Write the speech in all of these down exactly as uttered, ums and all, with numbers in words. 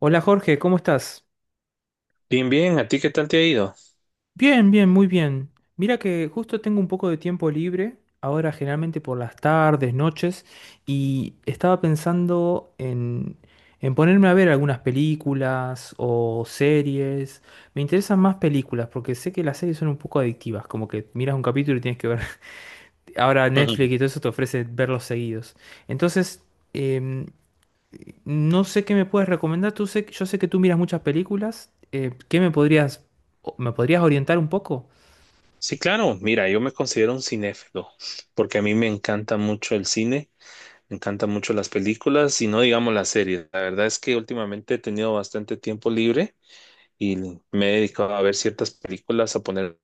Hola Jorge, ¿cómo estás? Bien, bien, ¿a ti qué tal te ha ido? Bien, bien, muy bien. Mira que justo tengo un poco de tiempo libre, ahora generalmente por las tardes, noches, y estaba pensando en, en ponerme a ver algunas películas o series. Me interesan más películas porque sé que las series son un poco adictivas, como que miras un capítulo y tienes que ver. Ahora Netflix y todo eso te ofrece verlos seguidos. Entonces, em, no sé qué me puedes recomendar. Tú sé, yo sé que tú miras muchas películas. Eh, ¿qué me podrías, o- me podrías orientar un poco? Sí, claro, mira, yo me considero un cinéfilo, porque a mí me encanta mucho el cine, me encantan mucho las películas y no digamos las series. La verdad es que últimamente he tenido bastante tiempo libre y me he dedicado a ver ciertas películas, a poner,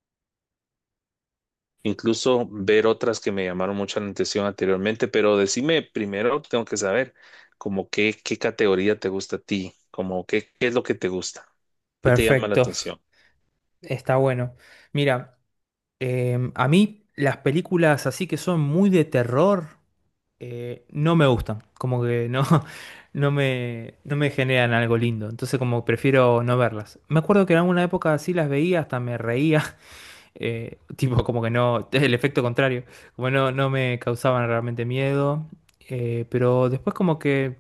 incluso ver otras que me llamaron mucho la atención anteriormente, pero decime primero, tengo que saber, como qué, qué categoría te gusta a ti, como qué, qué es lo que te gusta, qué te llama la Perfecto, atención. está bueno. Mira, em, a mí las películas así que son muy de terror eh, no me gustan. Como que no, no me, no me generan algo lindo. Entonces como prefiero no verlas. Me acuerdo que en alguna época así las veía, hasta me reía. Eh, tipo, como que no, el efecto contrario, como no, no me causaban realmente miedo, eh, pero después como que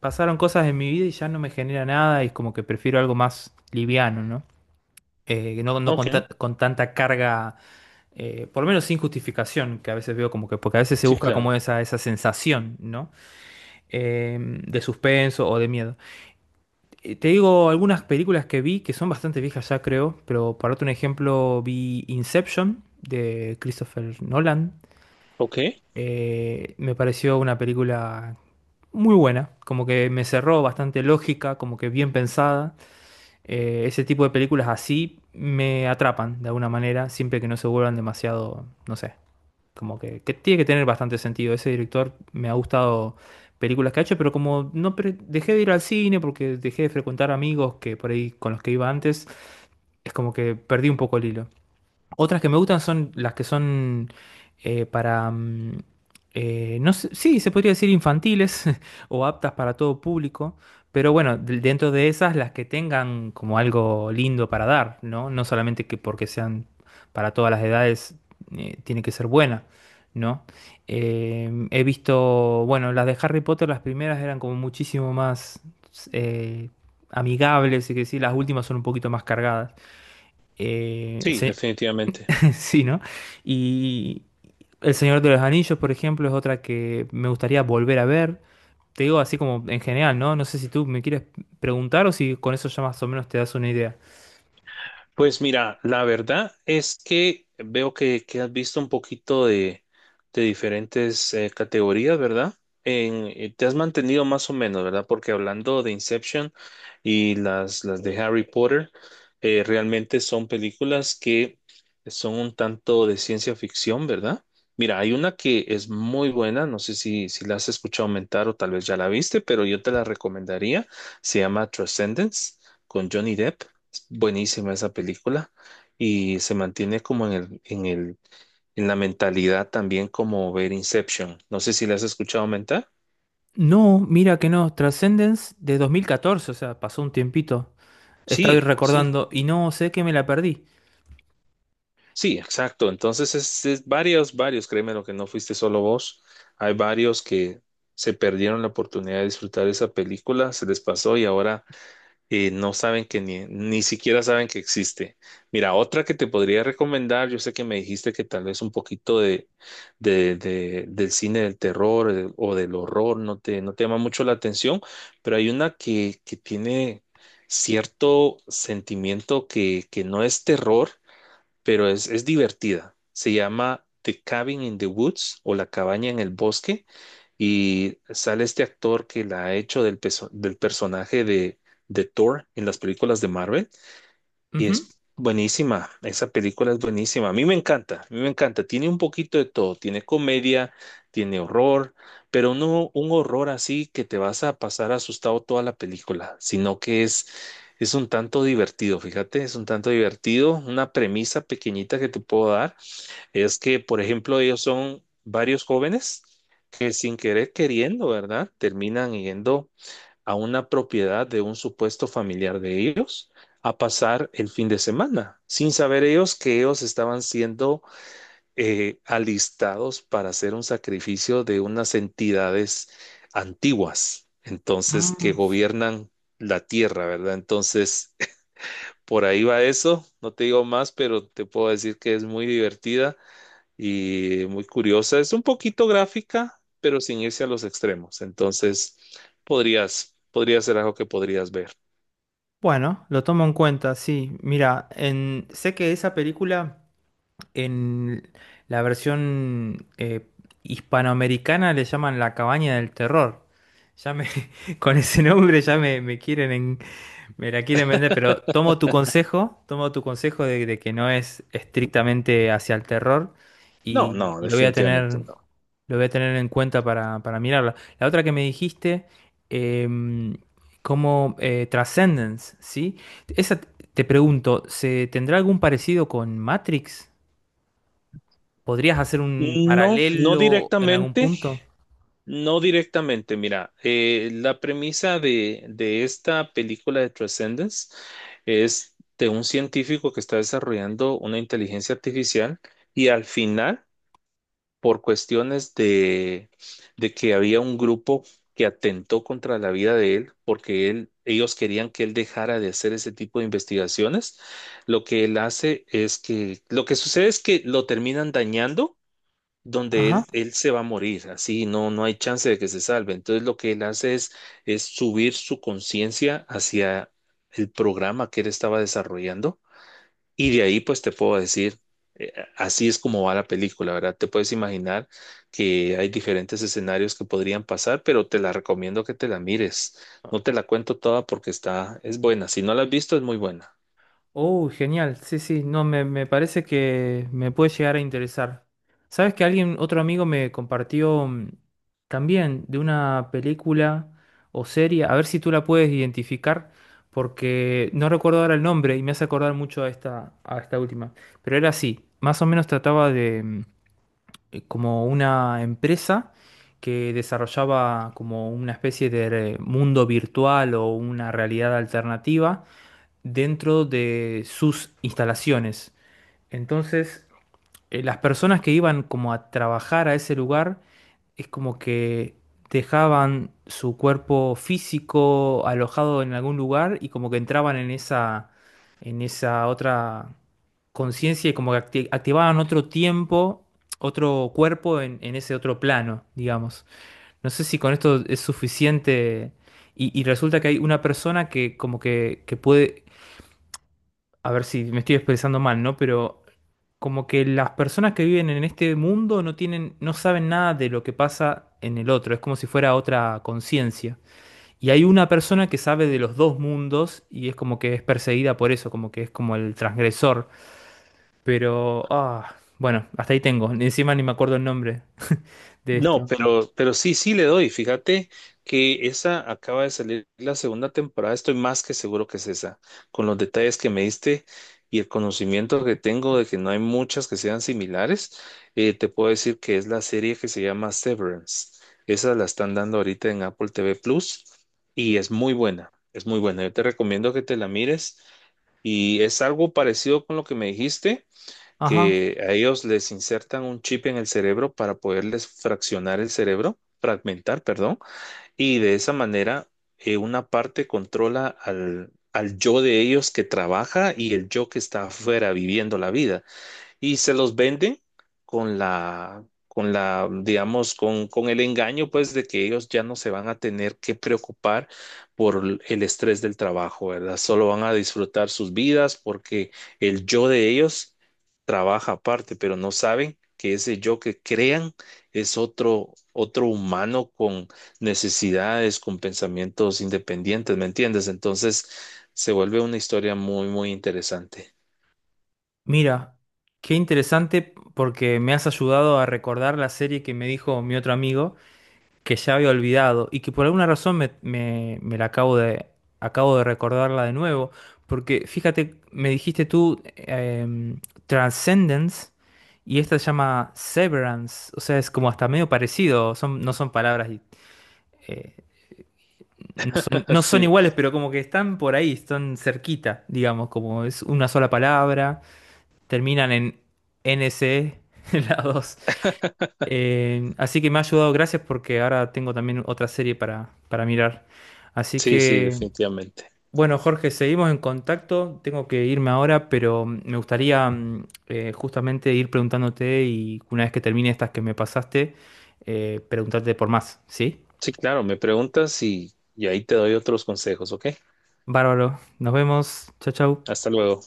pasaron cosas en mi vida y ya no me genera nada y es como que prefiero algo más liviano, ¿no? Eh, que no, no Ok, con, ta- con tanta carga, eh, por lo menos sin justificación, que a veces veo como que, porque a veces se sí, busca como claro. esa, esa sensación, ¿no? Em, de suspenso o de miedo. Eh, Te digo algunas películas que vi que son bastante viejas ya, creo, pero para otro ejemplo vi Inception de Christopher Nolan. Ok. Eh, me pareció una película muy buena, como que me cerró bastante lógica, como que bien pensada. Eh, ese tipo de películas así me atrapan de alguna manera, siempre que no se vuelvan demasiado, no sé, como que, que tiene que tener bastante sentido. Ese director me ha gustado películas que ha hecho, pero como no pre- dejé de ir al cine porque dejé de frecuentar amigos que por ahí con los que iba antes, es como que perdí un poco el hilo. Otras que me gustan son las que son eh, para, mm, eh, no sé, sí, se podría decir infantiles o aptas para todo público, pero bueno, de- dentro de esas las que tengan como algo lindo para dar, ¿no? No solamente que porque sean para todas las edades eh, tiene que ser buena, ¿no? Eh, he visto, bueno, las de Harry Potter, las primeras eran como muchísimo más eh, amigables, y que sí, las últimas son un poquito más cargadas. Eh, Sí, se- definitivamente. sí, ¿no? Y El Señor de los Anillos, por ejemplo, es otra que me gustaría volver a ver. Te digo así como en general, ¿no? No sé si tú me quieres preguntar o si con eso ya más o menos te das una idea. Pues mira, la verdad es que veo que, que has visto un poquito de, de diferentes eh, categorías, ¿verdad? En, eh, te has mantenido más o menos, ¿verdad? Porque hablando de Inception y las, las de Harry Potter, eh, realmente son películas que son un tanto de ciencia ficción, ¿verdad? Mira, hay una que es muy buena, no sé si, si la has escuchado aumentar o tal vez ya la viste, pero yo te la recomendaría. Se llama Transcendence con Johnny Depp. Buenísima esa película y se mantiene como en el, en el, en la mentalidad también como ver Inception. No sé si la has escuchado mentar. No, mira que no. Transcendence de dos mil catorce, o sea, pasó un tiempito. Estaba Sí, sí, recordando y no sé que me la perdí. sí, exacto. Entonces es, es varios, varios, créeme lo que no fuiste solo vos. Hay varios que se perdieron la oportunidad de disfrutar esa película, se les pasó y ahora eh, no saben que ni, ni siquiera saben que existe. Mira, otra que te podría recomendar, yo sé que me dijiste que tal vez un poquito de, de- de- del cine del terror eh, o del horror no te, no te llama mucho la atención, pero hay una que, que tiene cierto sentimiento que, que no es terror, pero es, es divertida. Se llama The Cabin in the Woods o La cabaña en el bosque y sale este actor que la ha hecho del, peso- del personaje de, de Thor en las películas de Marvel y Ujú. es buenísima, esa película es buenísima. A mí me encanta, a mí me encanta. Tiene un poquito de todo, tiene comedia, tiene horror, pero no un horror así que te vas a pasar asustado toda la película, sino que es, es un tanto divertido, fíjate, es un tanto divertido. Una premisa pequeñita que te puedo dar es que, por ejemplo, ellos son varios jóvenes que sin querer queriendo, ¿verdad? Terminan yendo a una propiedad de un supuesto familiar de ellos a pasar el fin de semana, sin saber ellos que ellos estaban siendo eh, alistados para hacer un sacrificio de unas entidades antiguas, entonces que Mm, gobiernan la tierra, ¿verdad? Entonces, por ahí va eso, no te digo más, pero te puedo decir que es muy divertida y muy curiosa. Es un poquito gráfica, pero sin irse a los extremos. Entonces, podrías, podría ser algo que podrías ver. bueno, lo tomo en cuenta, sí. Mira, en... sé que esa película. En la versión eh, hispanoamericana le llaman La Cabaña del Terror. Ya me, con ese nombre ya me, me quieren en- me la quieren vender, pero tomo tu consejo, tomo tu consejo de, de que no es estrictamente hacia el terror No, y, no, y lo voy a definitivamente tener, no. lo voy a tener en cuenta para, para mirarla. La otra que me dijiste, em, como eh, Transcendence, ¿sí? Esa, t- Te pregunto, ¿se tendrá algún parecido con Matrix? ¿Podrías hacer un No, no paralelo en algún directamente, punto? no directamente. Mira, eh, la premisa de, de esta película de Transcendence es de un científico que está desarrollando una inteligencia artificial y al final por cuestiones de, de que había un grupo que atentó contra la vida de él, porque él, ellos querían que él dejara de hacer ese tipo de investigaciones. Lo que él hace es que, lo que sucede es que lo terminan dañando, donde Ajá. él, él se va a morir, así no, no hay chance de que se salve. Entonces lo que él hace es, es subir su conciencia hacia el programa que él estaba desarrollando y de ahí, pues te puedo decir, eh, así es como va la película, ¿verdad? Te puedes imaginar que hay diferentes escenarios que podrían pasar, pero te la recomiendo que te la mires. No te la cuento toda porque está, es buena. Si no la has visto, es muy buena. Oh, genial. Sí, sí. No, me, me parece que me puede llegar a interesar. ¿Sabes que alguien, otro amigo me compartió mm, también de una película o serie? A ver si tú la puedes identificar, porque no recuerdo ahora el nombre y me hace acordar mucho a esta, a esta última. Pero era así. Más o menos trataba de, mm, eh, como una empresa que desarrollaba como una especie de eh, mundo virtual o una realidad alternativa dentro de sus instalaciones. Entonces, eh, las personas que iban como a trabajar a ese lugar es como que dejaban su cuerpo físico alojado en algún lugar y como que entraban en esa, en esa otra conciencia y como que acti- activaban otro tiempo, otro cuerpo en, en ese otro plano, digamos. No sé si con esto es suficiente y, y resulta que hay una persona que como que, que puede a ver si me estoy expresando mal, ¿no? Pero como que las personas que viven en este mundo no tienen, no saben nada de lo que pasa en el otro, es como si fuera otra conciencia. Y hay una persona que sabe de los dos mundos y es como que es perseguida por eso, como que es como el transgresor. Pero, ah, bueno, hasta ahí tengo, ni encima ni me acuerdo el nombre de No, esto. pero, pero sí, sí le doy. Fíjate que esa acaba de salir la segunda temporada. Estoy más que seguro que es esa, con los detalles que me diste y el conocimiento que tengo de que no hay muchas que sean similares. Eh, te puedo decir que es la serie que se llama Severance. Esa la están dando ahorita en Apple T V Plus y es muy buena. Es muy buena. Yo te recomiendo que te la mires y es algo parecido con lo que me dijiste Ajá, que a ellos les insertan un chip en el cerebro para poderles fraccionar el cerebro, fragmentar, perdón, y de esa manera eh, una parte controla al, al yo de ellos que trabaja y el yo que está afuera viviendo la vida y se los venden con la, con la, digamos, con, con el engaño, pues, de que ellos ya no se van a tener que preocupar por el estrés del trabajo, ¿verdad? Solo van a disfrutar sus vidas porque el yo de ellos trabaja aparte, pero no saben que ese yo que crean es otro, otro humano con necesidades, con pensamientos independientes, ¿me entiendes? Entonces se vuelve una historia muy, muy interesante. mira, qué interesante porque me has ayudado a recordar la serie que me dijo mi otro amigo. Que ya había olvidado y que por alguna razón me, me- me la acabo de, acabo de recordarla de nuevo, porque fíjate, me dijiste tú eh, Transcendence y esta se llama Severance, o sea, es como hasta medio parecido, son, no son palabras, eh, no son, no son Sí. iguales, pero como que están por ahí, están cerquita, digamos, como es una sola palabra, terminan en N C, las dos. Eh, así que me ha ayudado, gracias, porque ahora tengo también otra serie para, para mirar. Así Sí, sí, que, definitivamente. bueno, Jorge, seguimos en contacto. Tengo que irme ahora, pero me gustaría mm, eh, justamente ir preguntándote y una vez que termine estas que me pasaste, eh, preguntarte por más, ¿sí? Sí, claro, me preguntas y, y ahí te doy otros consejos, ¿ok? Bárbaro, nos vemos. Chau, chau. Hasta luego.